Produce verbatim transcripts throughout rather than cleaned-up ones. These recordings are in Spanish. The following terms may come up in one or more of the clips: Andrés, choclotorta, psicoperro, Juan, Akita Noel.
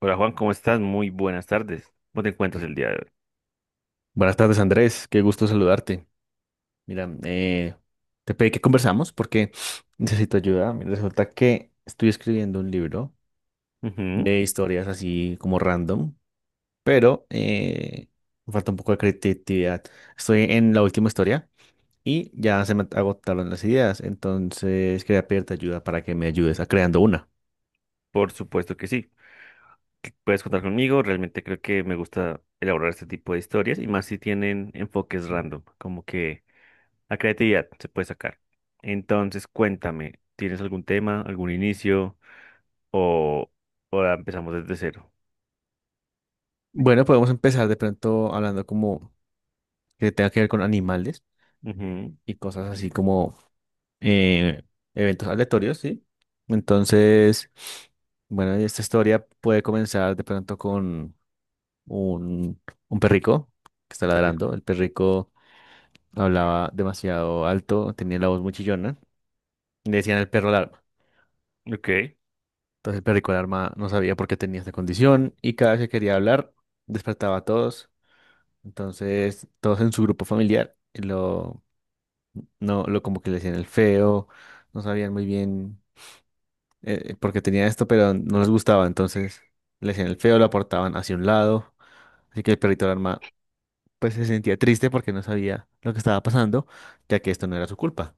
Hola Juan, ¿cómo estás? Muy buenas tardes. ¿Cómo te encuentras el día de Buenas tardes, Andrés. Qué gusto saludarte. Mira, eh, te pedí que conversamos porque necesito ayuda. Mira, resulta que estoy escribiendo un libro hoy? Ujú. de historias así como random, pero eh, me falta un poco de creatividad. Estoy en la última historia y ya se me agotaron las ideas, entonces quería pedirte ayuda para que me ayudes a creando una. Por supuesto que sí. que Puedes contar conmigo. Realmente creo que me gusta elaborar este tipo de historias y más si tienen enfoques random, como que la creatividad se puede sacar. Entonces, cuéntame, ¿tienes algún tema, algún inicio o, o la empezamos desde cero? Bueno, podemos empezar de pronto hablando como que tenga que ver con animales Ujú, y cosas así como eh, eventos aleatorios, ¿sí? Entonces, bueno, y esta historia puede comenzar de pronto con un, un perrico que está perfecto. ladrando. El perrico hablaba demasiado alto, tenía la voz muy chillona. Le decían el perro alarma. Ok, Entonces el perrico alarma no sabía por qué tenía esta condición y cada vez que quería hablar despertaba a todos. Entonces todos en su grupo familiar lo, no, lo como que le decían el feo, no sabían muy bien eh, porque tenía esto, pero no les gustaba, entonces le hacían el feo, lo aportaban hacia un lado, así que el perrito alarma pues se sentía triste porque no sabía lo que estaba pasando, ya que esto no era su culpa.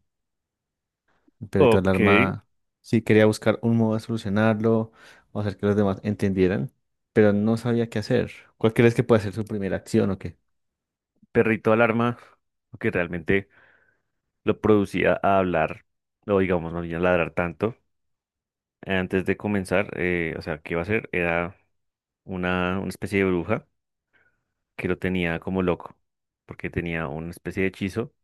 El perrito ok. alarma sí quería buscar un modo de solucionarlo o hacer que los demás entendieran, pero no sabía qué hacer. ¿Cuál crees que puede ser su primera acción o qué? Perrito alarma, que realmente lo producía a hablar, o digamos, no a ladrar tanto. Antes de comenzar, eh, o sea, ¿qué iba a hacer? Era una, una especie de bruja que lo tenía como loco, porque tenía una especie de hechizo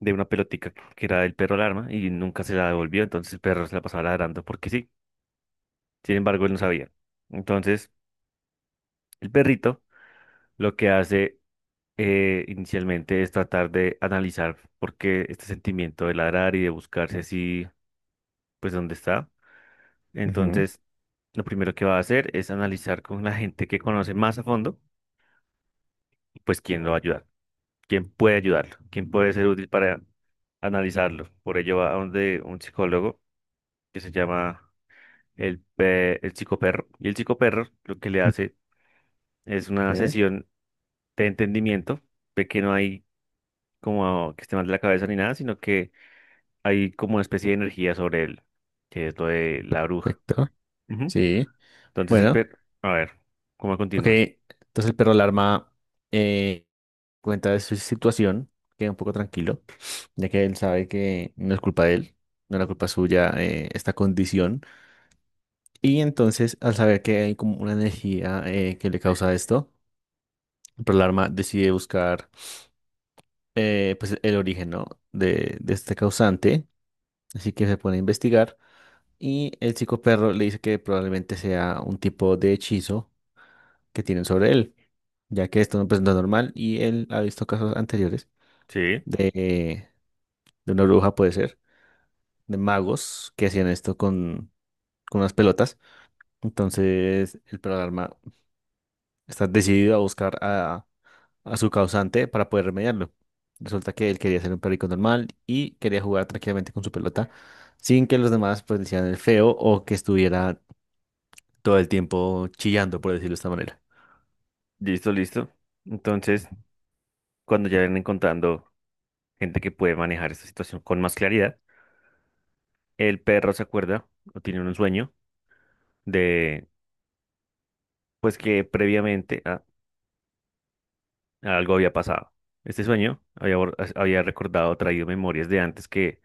de una pelotica que era del perro alarma y nunca se la devolvió, entonces el perro se la pasaba ladrando porque sí. Sin embargo, él no sabía. Entonces, el perrito lo que hace eh, inicialmente es tratar de analizar por qué este sentimiento de ladrar y de buscarse así, pues, dónde está. Ujú. Entonces, lo primero que va a hacer es analizar con la gente que conoce más a fondo pues quién lo va a ayudar, quién puede ayudarlo, quién puede ser útil para analizarlo. Por ello va a donde un psicólogo que se llama el, pe- el psicoperro. Y el psicoperro lo que le hace es una Sí. sesión de entendimiento, de que no hay como que esté mal de la cabeza ni nada, sino que hay como una especie de energía sobre él, que es lo de la bruja. Perfecto. Ujú. Sí. Entonces el Bueno, per... A ver, ¿cómo ok. continúas? Entonces el perro alarma cuenta de su situación, queda un poco tranquilo, ya que él sabe que no es culpa de él, no es la culpa suya, eh, esta condición. Y entonces, al saber que hay como una energía, eh, que le causa esto, Pearl Alarma decide buscar eh, pues el origen, ¿no? de, de este causante, así que se pone a investigar y el psicoperro le dice que probablemente sea un tipo de hechizo que tienen sobre él, ya que esto no pues, no es normal y él ha visto casos anteriores Sí. de, de una bruja, puede ser de magos que hacían esto con, con unas pelotas. Entonces el programa está decidido a buscar a, a su causante para poder remediarlo. Resulta que él quería ser un perrico normal y quería jugar tranquilamente con su pelota sin que los demás pues decían el feo o que estuviera todo el tiempo chillando, por decirlo de esta manera. Listo, listo. Ujú. Entonces, cuando ya ven encontrando gente que puede manejar esta situación con más claridad. El perro se acuerda o tiene un sueño de, pues que previamente a- algo había pasado. Este sueño había, bor- había recordado, traído memorias de antes que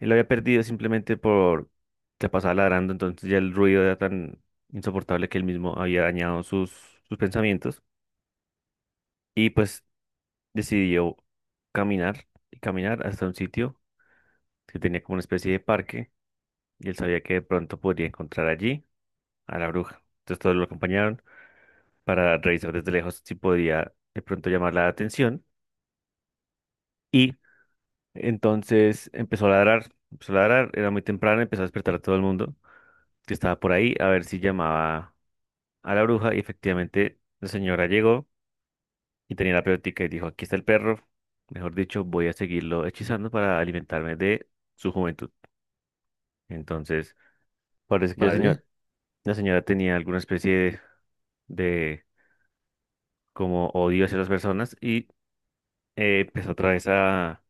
él había perdido simplemente por se pasaba ladrando, entonces ya el ruido era tan insoportable que él mismo había dañado sus, sus pensamientos y pues decidió caminar y caminar hasta un sitio que tenía como una especie de parque y él sabía que de pronto podría encontrar allí a la bruja. Entonces todos lo acompañaron para revisar desde lejos si podía de pronto llamar la atención. Y entonces empezó a ladrar, empezó a ladrar, era muy temprano, empezó a despertar a todo el mundo que estaba por ahí a ver si llamaba a la bruja. Y efectivamente la señora llegó y tenía la pelotica y dijo, aquí está el perro. Mejor dicho, voy a seguirlo hechizando para alimentarme de su juventud. Entonces, parece que la señora, Vale, la señora tenía alguna especie de, de como odio hacia las personas y eh, empezó otra vez a,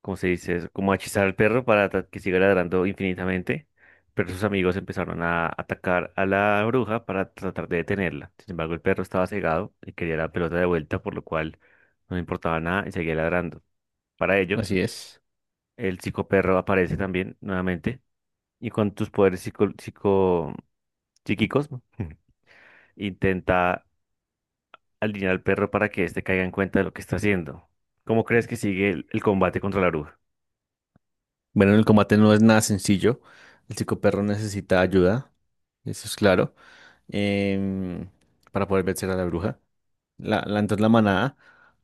¿cómo se dice eso? Como a hechizar al perro para ta- que siga ladrando infinitamente, pero sus amigos empezaron a atacar a la bruja para tratar de detenerla. Sin embargo, el perro estaba cegado y quería la pelota de vuelta, por lo cual no le importaba nada y seguía ladrando. Para ello, así es. el psicoperro aparece también nuevamente y con tus poderes psico, psico psíquicos intenta alinear al perro para que éste caiga en cuenta de lo que está haciendo. ¿Cómo crees que sigue el el combate contra la bruja? Bueno, el combate no es nada sencillo. El psicoperro necesita ayuda, eso es claro, em, para poder vencer a la bruja. La, la- entonces la manada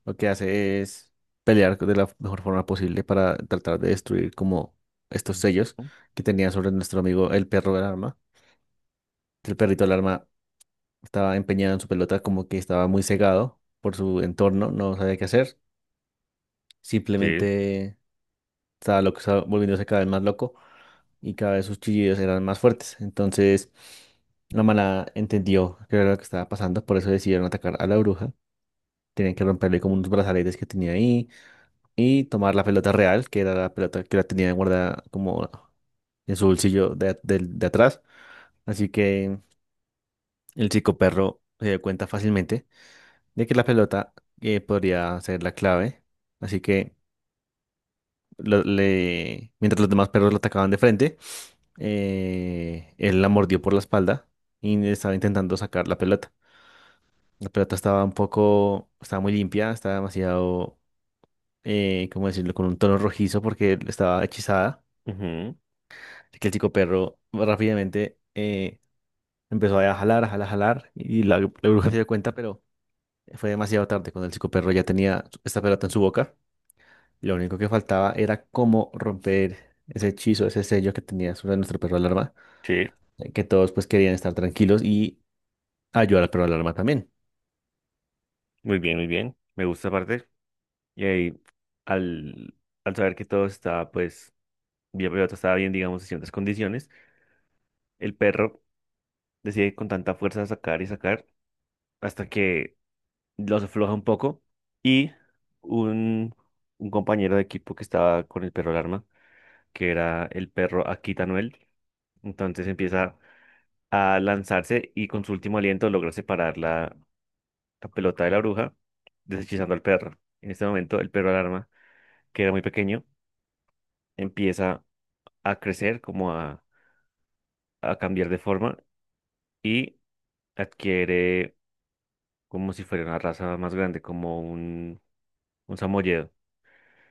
lo que hace es pelear de la mejor forma posible para tratar de destruir como estos sellos que tenía sobre nuestro amigo el perro del arma. El perrito del arma estaba empeñado en su pelota, como que estaba muy cegado por su entorno, no sabía qué hacer. Sí, Simplemente estaba loco, estaba volviéndose cada vez más loco y cada vez sus chillidos eran más fuertes. Entonces la manada entendió qué era lo que estaba pasando, por eso decidieron atacar a la bruja. Tenían que romperle como unos brazaletes que tenía ahí y tomar la pelota real, que era la pelota que la tenía guardada como en su bolsillo de, del- de atrás. Así que el psicoperro se dio cuenta fácilmente de que la pelota, eh, podría ser la clave. Así que lo- le, mientras los demás perros lo atacaban de frente, eh, él la mordió por la espalda y estaba intentando sacar la pelota. La pelota estaba un poco, estaba muy limpia, estaba demasiado, eh, ¿cómo decirlo?, con un tono rojizo porque estaba hechizada. ujú, Así que el chico perro rápidamente eh, empezó a jalar, a jalar, a jalar, y la, la bruja se dio cuenta, pero fue demasiado tarde cuando el chico perro ya tenía esta pelota en su boca. Lo único que faltaba era cómo romper ese hechizo, ese sello que tenía sobre nuestro perro alarma, sí, eh, que todos pues querían estar tranquilos y ayudar al perro alarma también. muy bien, muy bien. Me gusta aparte. Y ahí, al, al saber que todo estaba, pues, bien, pero todo estaba bien, digamos, en ciertas condiciones, el perro decide con tanta fuerza sacar y sacar hasta que los afloja un poco. Y un, un compañero de equipo que estaba con el perro alarma, que era el perro Akita Noel, entonces empieza a lanzarse y con su último aliento logra separar la pelota de la bruja, deshechizando al perro. En este momento, el perro alarma, que era muy pequeño, empieza a crecer, como a, a cambiar de forma y adquiere como si fuera una raza más grande, como un, un samoyedo.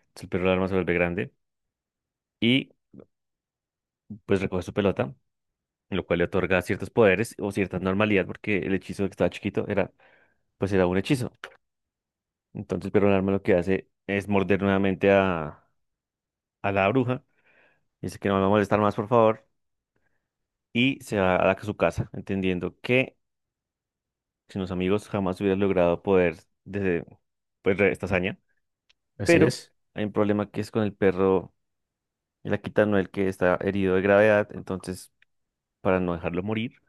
Entonces, el perro alarma se vuelve grande y pues recoge su pelota, lo cual le otorga ciertos poderes o cierta normalidad, porque el hechizo que estaba chiquito era, pues era un hechizo. Entonces, el perro alarma lo que hace es morder nuevamente a, a la bruja. Dice que no me va a molestar más, por favor, y se va a la- su casa, entendiendo que sin los amigos jamás hubiera logrado poder desde, pues, re- esta hazaña. Así Pero es. hay un problema que es con el perro, el Akita Noel, que está herido de gravedad, entonces para no dejarlo morir,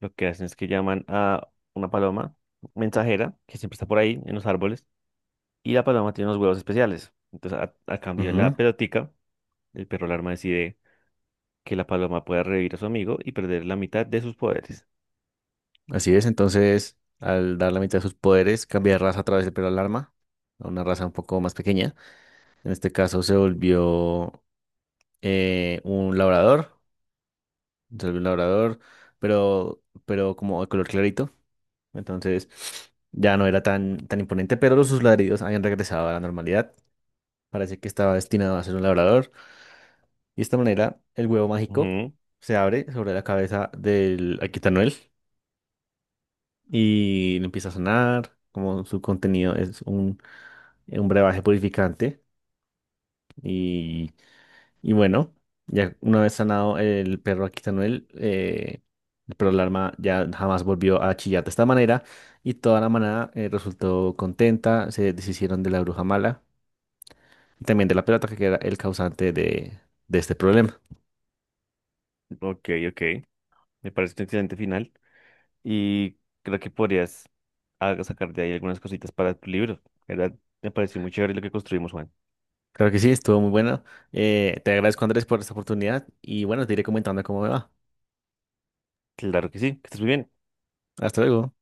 lo que hacen es que llaman a una paloma mensajera, que siempre está por ahí, en los árboles, y la paloma tiene unos huevos especiales. Entonces, a, a cambio de la Ujú. pelotica, el perro alarma decide que la paloma pueda revivir a su amigo y perder la mitad de sus poderes. Así es, entonces, al dar la mitad de sus poderes, cambia de raza a través del pelo al arma, a una raza un poco más pequeña. En este caso se volvió eh, un labrador, se volvió un labrador, pero, pero como de color clarito. Entonces, ya no era tan, tan imponente, pero los sus ladridos habían regresado a la normalidad. Parece que estaba destinado a ser un labrador. Y de esta manera, el huevo mágico Ujú. se abre sobre la cabeza del Aquitanuel y le empieza a sonar, como su contenido es un, eh, un brebaje purificante. Y, y bueno, ya una vez sanado el perro Aquitanuel, eh, el perro Larma ya jamás volvió a chillar de esta manera. Y toda la manada, eh, resultó contenta, se deshicieron de la bruja mala y también de la pelota que era el causante de, de este problema. Ok, ok. Me parece un excelente final y creo que podrías ah, sacar de ahí algunas cositas para tu libro. La ¿verdad? Me pareció muy chévere lo que construimos, Juan. Claro que sí, estuvo muy bueno. Eh, te agradezco, Andrés, por esta oportunidad y bueno, te iré comentando cómo me va. Claro que sí, que estés muy bien. Hasta luego.